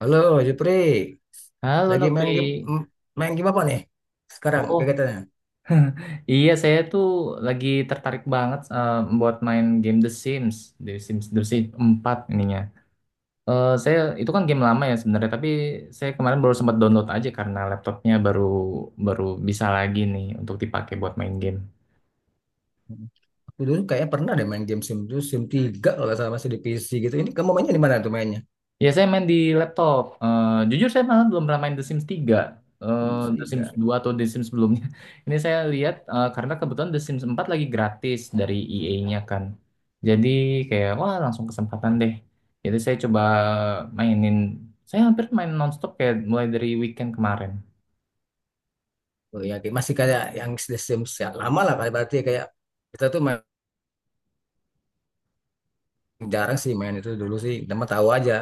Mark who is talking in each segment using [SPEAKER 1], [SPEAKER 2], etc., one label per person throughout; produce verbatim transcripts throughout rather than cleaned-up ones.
[SPEAKER 1] Halo, Jupri.
[SPEAKER 2] Halo
[SPEAKER 1] Lagi
[SPEAKER 2] Nopri.
[SPEAKER 1] main game m- main game apa nih? Sekarang
[SPEAKER 2] Oh,
[SPEAKER 1] kegiatannya.
[SPEAKER 2] iya saya tuh lagi tertarik banget eh, buat main game The Sims, The Sims, The Sims empat ininya. Eh, saya itu kan game lama ya sebenarnya, tapi saya kemarin baru sempat download aja karena laptopnya baru baru bisa lagi nih untuk dipakai buat main game.
[SPEAKER 1] Hmm. Aku dulu kayaknya pernah deh main game Sim dua, Sim tiga kalau nggak salah masih di P C gitu. Ini kamu mainnya di mana tuh mainnya?
[SPEAKER 2] Ya, saya main di laptop. Eh, jujur saya malah belum pernah main The Sims tiga.
[SPEAKER 1] Sim
[SPEAKER 2] Eh, The Sims
[SPEAKER 1] tiga,
[SPEAKER 2] dua atau The Sims sebelumnya. Ini saya lihat eh, karena kebetulan The Sims empat lagi gratis dari E A-nya kan. Jadi kayak wah langsung kesempatan deh. Jadi saya coba mainin. Saya hampir main nonstop kayak mulai dari weekend kemarin.
[SPEAKER 1] Oh ya, kayak- masih kayak yang Sim ya, lama lah kayak berarti kayak kita tuh main, jarang sih main itu dulu sih. Cuma tahu aja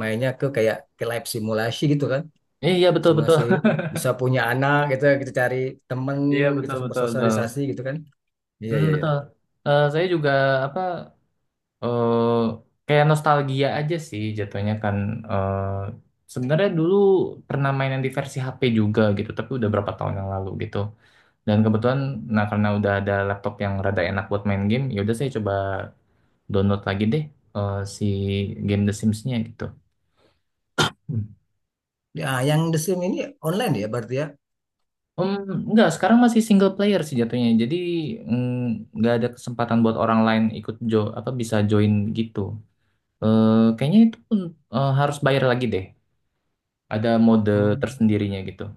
[SPEAKER 1] mainnya ke kayak ke live simulasi gitu kan.
[SPEAKER 2] Iya betul betul.
[SPEAKER 1] Simulasi bisa punya anak gitu, kita cari temen,
[SPEAKER 2] Iya
[SPEAKER 1] kita
[SPEAKER 2] betul betul betul.
[SPEAKER 1] bersosialisasi gitu kan. Iya,
[SPEAKER 2] Hmm,
[SPEAKER 1] iya, iya.
[SPEAKER 2] betul. Eh, saya juga apa eh kayak nostalgia aja sih jatuhnya kan eh sebenarnya dulu pernah main yang di versi H P juga gitu tapi udah berapa tahun yang lalu gitu dan kebetulan nah karena udah ada laptop yang rada enak buat main game ya udah saya coba download lagi deh eh, si game The Sims-nya gitu. Hmm.
[SPEAKER 1] Ya, yang The Sim ini online ya berarti ya?
[SPEAKER 2] Hmm, enggak, sekarang masih single player sih jatuhnya. Jadi mm, nggak ada kesempatan buat orang lain ikut jo apa bisa join gitu. Eh, kayaknya itu pun eh, harus bayar lagi deh. Ada mode
[SPEAKER 1] Hmm.
[SPEAKER 2] tersendirinya gitu.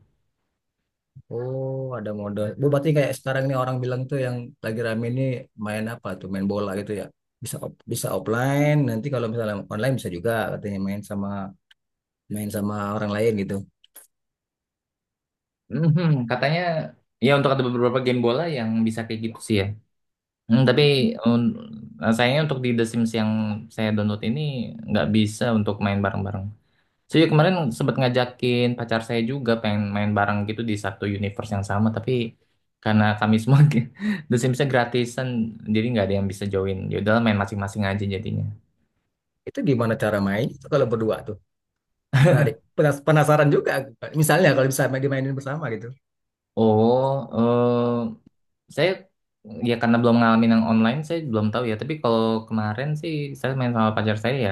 [SPEAKER 1] Oh, ada mode. Bu, berarti kayak sekarang ini orang bilang tuh yang lagi rame ini main apa tuh? Main bola gitu ya. Bisa op- bisa offline, nanti kalau misalnya online bisa juga katanya main sama main sama orang lain gitu.
[SPEAKER 2] Mhm, katanya ya untuk ada beberapa game bola yang bisa kayak gitu sih ya. Hmm, tapi um, sayangnya untuk di The Sims yang saya download ini nggak bisa untuk main bareng-bareng. Saya kemarin sempat ngajakin pacar saya juga pengen main bareng gitu di satu universe yang sama, tapi karena kami semua The Sims-nya gratisan, jadi nggak ada yang bisa join. Ya udahlah main masing-masing aja jadinya.
[SPEAKER 1] Itu gimana cara main itu kalau berdua tuh? Menarik. Penas- Penasaran juga. Misalnya kalau bisa main dimainin bersama gitu.
[SPEAKER 2] Oh, eh, saya ya karena belum ngalamin yang online, saya belum tahu ya. Tapi kalau kemarin sih saya main sama pacar saya ya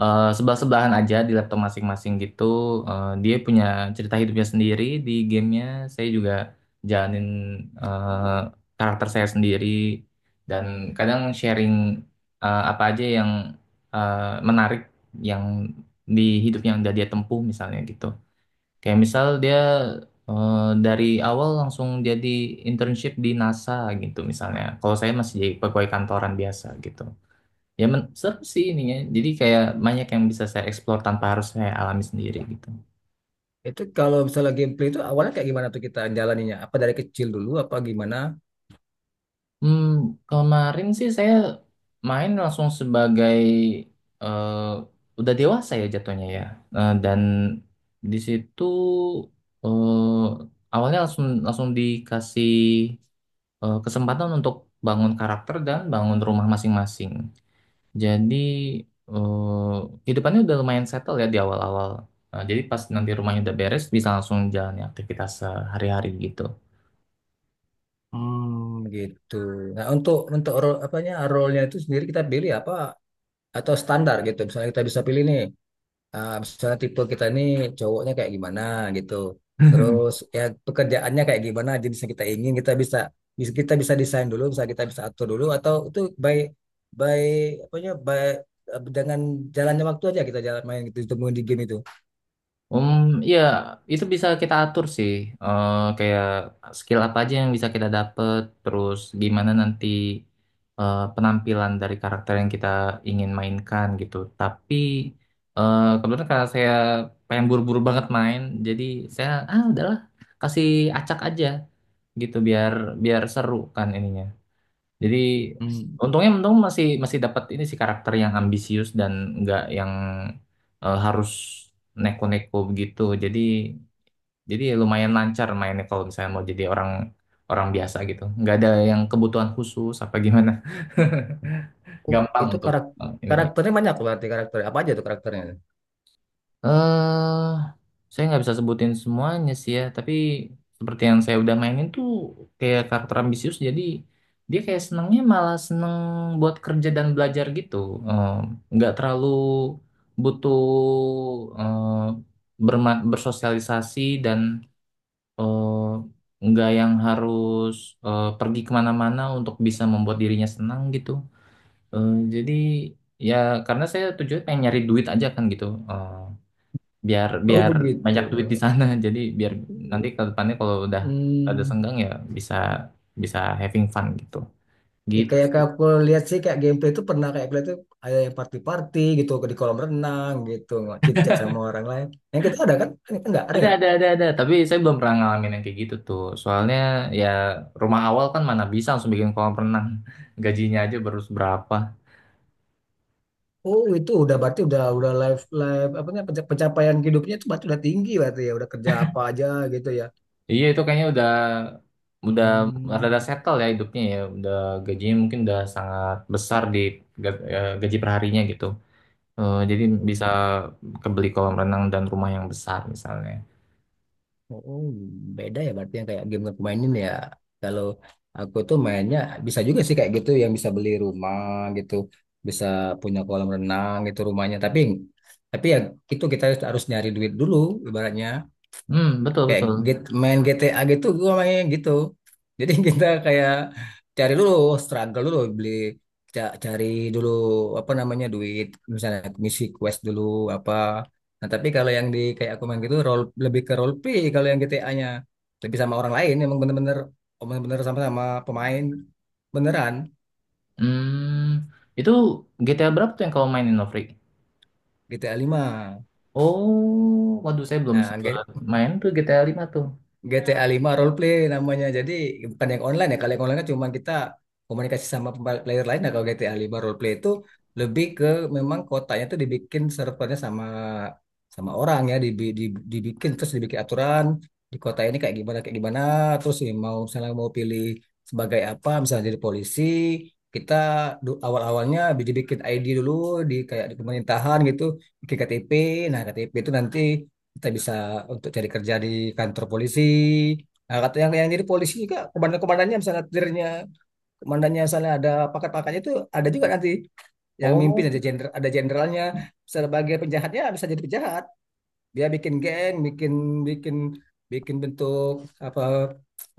[SPEAKER 2] eh, sebelah-sebelahan aja di laptop masing-masing gitu. Eh, dia punya cerita hidupnya sendiri di gamenya. Saya juga jalanin eh, karakter saya sendiri dan kadang sharing eh, apa aja yang eh, menarik yang di hidupnya yang udah dia tempuh misalnya gitu. Kayak misal dia eh, dari awal langsung jadi internship di NASA gitu misalnya. Kalau saya masih jadi pegawai kantoran biasa gitu. Ya men seru sih ininya. Jadi kayak banyak yang bisa saya explore tanpa harus saya alami sendiri gitu.
[SPEAKER 1] Itu kalau misalnya gameplay itu awalnya kayak gimana tuh kita jalaninya? Apa dari kecil dulu apa gimana?
[SPEAKER 2] Hmm, kemarin sih saya main langsung sebagai eh, udah dewasa ya jatuhnya ya. Eh, dan di situ eh, awalnya langsung langsung dikasih eh, kesempatan untuk bangun karakter dan bangun rumah masing-masing. Jadi eh, kehidupannya udah lumayan settle ya di awal-awal. Nah, jadi pas nanti rumahnya udah beres bisa langsung jalani aktivitas sehari-hari gitu.
[SPEAKER 1] Hmm, gitu. Nah, untuk untuk role apanya role-nya itu sendiri kita pilih apa atau standar gitu. Misalnya kita bisa pilih nih, ah, misalnya tipe kita ini cowoknya kayak gimana gitu. Terus ya pekerjaannya kayak gimana, jenisnya kita ingin kita bisa bisa kita bisa desain dulu, bisa kita bisa atur dulu atau itu by by apa ya by eh, dengan jalannya waktu aja kita jalan main gitu ditemuin di game itu.
[SPEAKER 2] Um, ya itu bisa kita atur sih. Eh kayak skill apa aja yang bisa kita dapet, terus gimana nanti eh, penampilan dari karakter yang kita ingin mainkan gitu. Tapi eh kebetulan karena saya pengen buru-buru banget main, jadi saya ah udahlah kasih acak aja gitu biar biar seru kan ininya. Jadi
[SPEAKER 1] Hmm.
[SPEAKER 2] untungnya untung masih masih dapat ini sih karakter yang ambisius dan nggak yang eh, harus neko-neko begitu. Jadi jadi lumayan lancar mainnya kalau misalnya mau jadi orang orang biasa gitu. Nggak ada yang kebutuhan khusus apa gimana.
[SPEAKER 1] Oh,
[SPEAKER 2] Gampang
[SPEAKER 1] itu
[SPEAKER 2] untuk
[SPEAKER 1] karak
[SPEAKER 2] eh, ininya.
[SPEAKER 1] karakternya banyak berarti karakter apa aja tuh karakternya?
[SPEAKER 2] eh saya nggak bisa sebutin semuanya sih ya, tapi seperti yang saya udah mainin tuh kayak karakter ambisius, jadi dia kayak senangnya malah seneng buat kerja dan belajar gitu. Eh, nggak terlalu butuh eh, berma- bersosialisasi dan eh, nggak yang harus eh, pergi kemana-mana untuk bisa membuat dirinya senang gitu. Eh, jadi ya karena saya tujuannya pengen nyari duit aja kan gitu. Eh, biar
[SPEAKER 1] Oh
[SPEAKER 2] biar
[SPEAKER 1] begitu.
[SPEAKER 2] banyak duit di sana. Jadi biar nanti ke depannya kalau udah ada
[SPEAKER 1] Hmm.
[SPEAKER 2] senggang ya bisa bisa having fun gitu
[SPEAKER 1] Ya
[SPEAKER 2] gitu
[SPEAKER 1] kayak
[SPEAKER 2] sih.
[SPEAKER 1] kayak aku lihat sih kayak gameplay itu pernah kayak aku lihat tuh ada yang party-party gitu di kolam renang gitu chit-chat sama orang lain. Yang kita ada kan? Enggak, ada
[SPEAKER 2] ada
[SPEAKER 1] enggak?
[SPEAKER 2] ada ada ada tapi saya belum pernah ngalamin yang kayak gitu tuh soalnya ya rumah awal kan mana bisa langsung bikin kolam renang. Gajinya aja baru seberapa.
[SPEAKER 1] Oh, itu udah berarti udah udah live live apa namanya penca- pencapaian hidupnya itu berarti udah tinggi berarti ya udah kerja apa aja gitu ya.
[SPEAKER 2] Iya itu kayaknya udah udah
[SPEAKER 1] Hmm.
[SPEAKER 2] rada settle ya hidupnya ya udah. Gajinya mungkin udah sangat besar di ga- eh, gaji perharinya gitu. Eh, jadi bisa kebeli kolam renang dan rumah yang besar misalnya.
[SPEAKER 1] Oh, beda ya berarti yang kayak game yang aku mainin ya. Kalau aku tuh mainnya bisa juga sih kayak gitu yang bisa beli rumah gitu, bisa punya kolam renang gitu rumahnya. Tapi tapi ya itu kita harus nyari duit dulu ibaratnya
[SPEAKER 2] Hmm, betul
[SPEAKER 1] kayak
[SPEAKER 2] betul.
[SPEAKER 1] get- main G T A gitu gua mainnya gitu jadi kita kayak cari dulu struggle dulu beli ca- cari dulu apa namanya duit, misalnya misi quest dulu apa. Nah, tapi kalau yang di kayak aku main gitu role lebih ke role play, kalau yang G T A-nya lebih sama orang lain emang bener-bener emang bener sama-sama pemain beneran.
[SPEAKER 2] Hmm, itu G T A berapa tuh yang kamu mainin, Novri?
[SPEAKER 1] GTA lima,
[SPEAKER 2] Oh, waduh saya belum
[SPEAKER 1] nah,
[SPEAKER 2] sempat main tuh G T A lima tuh.
[SPEAKER 1] G T A lima role play namanya. Jadi bukan yang online ya. Kalau yang online kan cuma kita komunikasi sama pemba- player lain. Nah, kalau G T A lima role play itu lebih ke memang kotanya tuh dibikin servernya sama sama orang ya, dibi- di- dibikin terus dibikin aturan di kota ini kayak gimana kayak gimana. Terus ya mau misalnya mau pilih sebagai apa, misalnya jadi polisi kita du- awal-awalnya dibikin I D dulu di kayak di pemerintahan gitu, bikin K T P. Nah, K T P itu nanti kita bisa untuk cari kerja di kantor polisi. Nah, kata yang yang jadi polisi juga komandan-komandannya misalnya tirnya, komandannya misalnya ada pangkat-pangkatnya itu ada juga nanti yang mimpin,
[SPEAKER 2] Oh,
[SPEAKER 1] ada jenderal, ada jenderalnya. Sebagai penjahatnya bisa jadi penjahat, dia bikin geng, bikin bikin bikin bentuk apa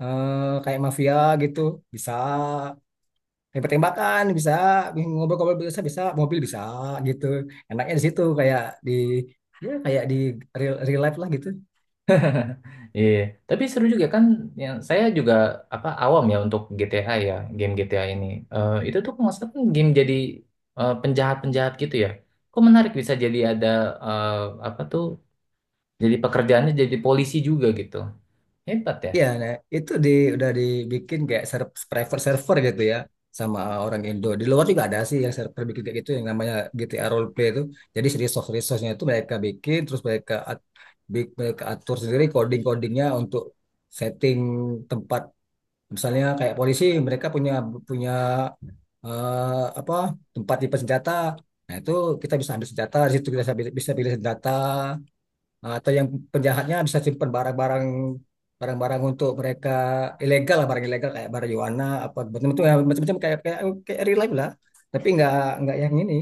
[SPEAKER 1] eh, kayak mafia gitu, bisa tembak-tembakan, bisa ngobrol-ngobrol, bisa bisa mobil, bisa gitu. Enaknya di situ kayak di ya kayak di real, real life lah gitu.
[SPEAKER 2] iya. Tapi seru juga kan. Yang saya juga apa awam ya untuk G T A ya, game G T A ini. Eh, itu tuh kalau nggak salah kan game jadi eh, penjahat-penjahat gitu ya. Kok menarik bisa jadi ada eh, apa tuh? Jadi pekerjaannya jadi polisi juga gitu. Hebat
[SPEAKER 1] Iya, nah, itu di udah dibikin kayak ser- private server gitu ya sama orang Indo. Di luar juga ada sih yang server bikin kayak gitu yang namanya G T A Roleplay itu. Jadi si resource-resource-nya itu mereka bikin, terus mereka at- bi- mereka atur sendiri coding-codingnya untuk setting tempat, misalnya kayak polisi mereka punya punya eh, apa tempat tipe senjata. Nah, itu kita bisa ambil senjata, di situ kita bisa bisa pilih senjata. Nah, atau yang penjahatnya bisa simpan barang-barang barang-barang untuk mereka ilegal lah, barang ilegal kayak marijuana apa macam-macam ya, macam-macam kayak kayak kayak real life lah, tapi nggak nggak yang ini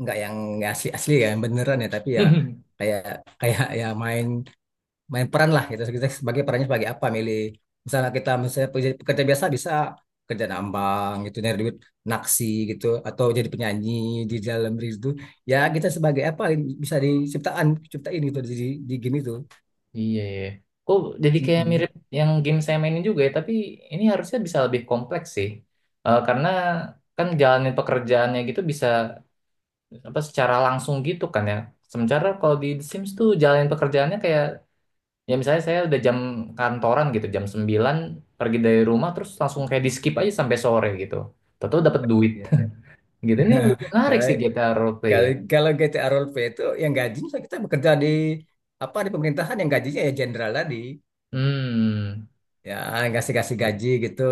[SPEAKER 1] nggak yang asli asli ya, yang beneran ya, tapi
[SPEAKER 2] ya.
[SPEAKER 1] ya kayak kayak ya main main peran lah gitu. Kita sebagai perannya sebagai apa milih, misalnya kita misalnya pekerja, pekerja biasa bisa kerja nambang gitu nyari duit, naksi gitu, atau jadi penyanyi di dalam diri itu. Ya kita sebagai apa bisa diciptaan ciptain gitu di, di, di game itu.
[SPEAKER 2] Iya ya. Kok jadi kayak
[SPEAKER 1] Mm-mm.
[SPEAKER 2] mirip yang game saya mainin juga ya, tapi ini harusnya bisa lebih kompleks sih. Eh, karena kan jalanin pekerjaannya gitu bisa apa secara langsung gitu kan ya. Sementara kalau di The Sims tuh jalanin pekerjaannya kayak ya misalnya saya udah jam kantoran gitu, jam sembilan pergi dari rumah terus langsung kayak di skip aja sampai sore gitu. Tentu dapat duit.
[SPEAKER 1] Iya.
[SPEAKER 2] Gitu ini lebih menarik
[SPEAKER 1] kalau
[SPEAKER 2] sih G T A roleplay ya.
[SPEAKER 1] kalau kalau G T A role play itu yang gajinya kita bekerja di apa di pemerintahan, yang gajinya ya jenderal tadi
[SPEAKER 2] Hmm.
[SPEAKER 1] ya ngasih kasih gaji gitu.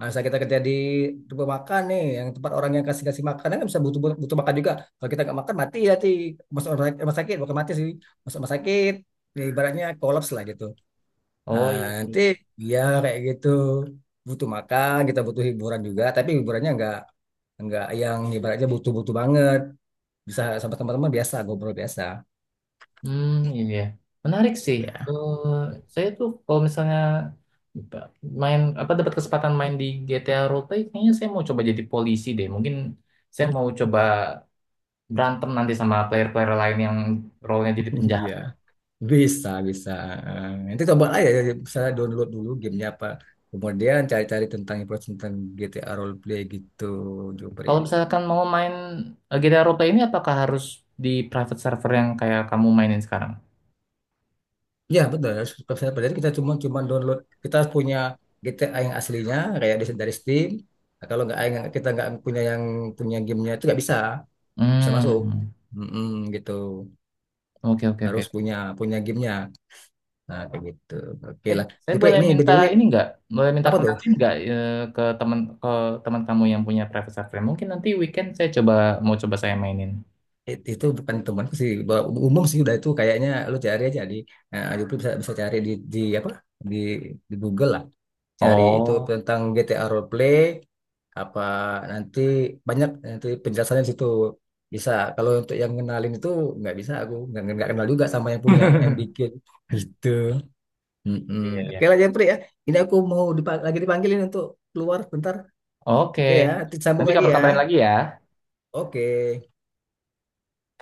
[SPEAKER 1] Masa kita kerja di tempat makan nih, yang tempat orang yang kasih-kasih makan kan bisa, butuh butuh makan juga. Kalau kita nggak makan mati ya ti masuk rumah sakit. rumah sakit, bukan mati sih, masuk rumah sakit ya, ibaratnya kolaps lah gitu.
[SPEAKER 2] Oh
[SPEAKER 1] Nah,
[SPEAKER 2] iya,
[SPEAKER 1] nanti
[SPEAKER 2] iya.
[SPEAKER 1] ya kayak gitu, butuh makan kita butuh hiburan juga, tapi hiburannya nggak nggak yang ibaratnya butuh-butuh banget, bisa sama teman-teman biasa ngobrol biasa
[SPEAKER 2] Hmm, iya. Menarik sih.
[SPEAKER 1] ya.
[SPEAKER 2] Eh, saya tuh kalau misalnya main apa dapat kesempatan main di G T A Roleplay, kayaknya saya mau coba jadi polisi deh. Mungkin saya mau coba berantem nanti sama player-player lain yang role-nya jadi penjahat.
[SPEAKER 1] Iya. Bisa, bisa. Eh, Nanti coba aja, ya, misalnya download dulu gamenya apa. Kemudian cari-cari tentang info tentang G T A roleplay gitu, Jupri.
[SPEAKER 2] Kalau misalkan mau main eh, G T A Roleplay ini, apakah harus di private server yang kayak kamu mainin sekarang?
[SPEAKER 1] Ya, betul. Harus profesional. Jadi kita cuma cuma download. Kita harus punya G T A yang aslinya, kayak di- dari Steam. Nah, Kalau nggak nggak- kita nggak punya yang punya gamenya itu nggak bisa, bisa masuk.
[SPEAKER 2] Hmm,
[SPEAKER 1] Mm-mm, gitu.
[SPEAKER 2] oke oke oke.
[SPEAKER 1] Harus punya punya gamenya. Nah, kayak gitu. Oke
[SPEAKER 2] Eh,
[SPEAKER 1] lah.
[SPEAKER 2] saya
[SPEAKER 1] Jupri,
[SPEAKER 2] boleh
[SPEAKER 1] ini
[SPEAKER 2] minta
[SPEAKER 1] B T W
[SPEAKER 2] ini nggak? Boleh minta
[SPEAKER 1] apa tuh?
[SPEAKER 2] kenalin nggak eh, ke teman ke teman kamu yang punya private server? Mungkin nanti weekend saya coba mau coba saya mainin.
[SPEAKER 1] It- itu bukan temanku sih, ba- umum sih udah itu kayaknya, lu cari aja di eh, lu bisa bisa cari di di apa di di Google lah, cari itu
[SPEAKER 2] Oh,
[SPEAKER 1] tentang G T A roleplay apa, nanti banyak nanti penjelasannya di situ bisa. Kalau untuk yang kenalin itu nggak bisa, aku nggak nggak kenal juga sama yang punya yang bikin gitu. Mm-mm.
[SPEAKER 2] iya iya.
[SPEAKER 1] Oke lah, Jeffrey, ya. Ini aku mau dipa- lagi dipanggilin untuk keluar bentar.
[SPEAKER 2] Oke,
[SPEAKER 1] Oke ya, nanti sambung
[SPEAKER 2] nanti
[SPEAKER 1] lagi ya.
[SPEAKER 2] kabar-kabarin lagi ya.
[SPEAKER 1] Oke.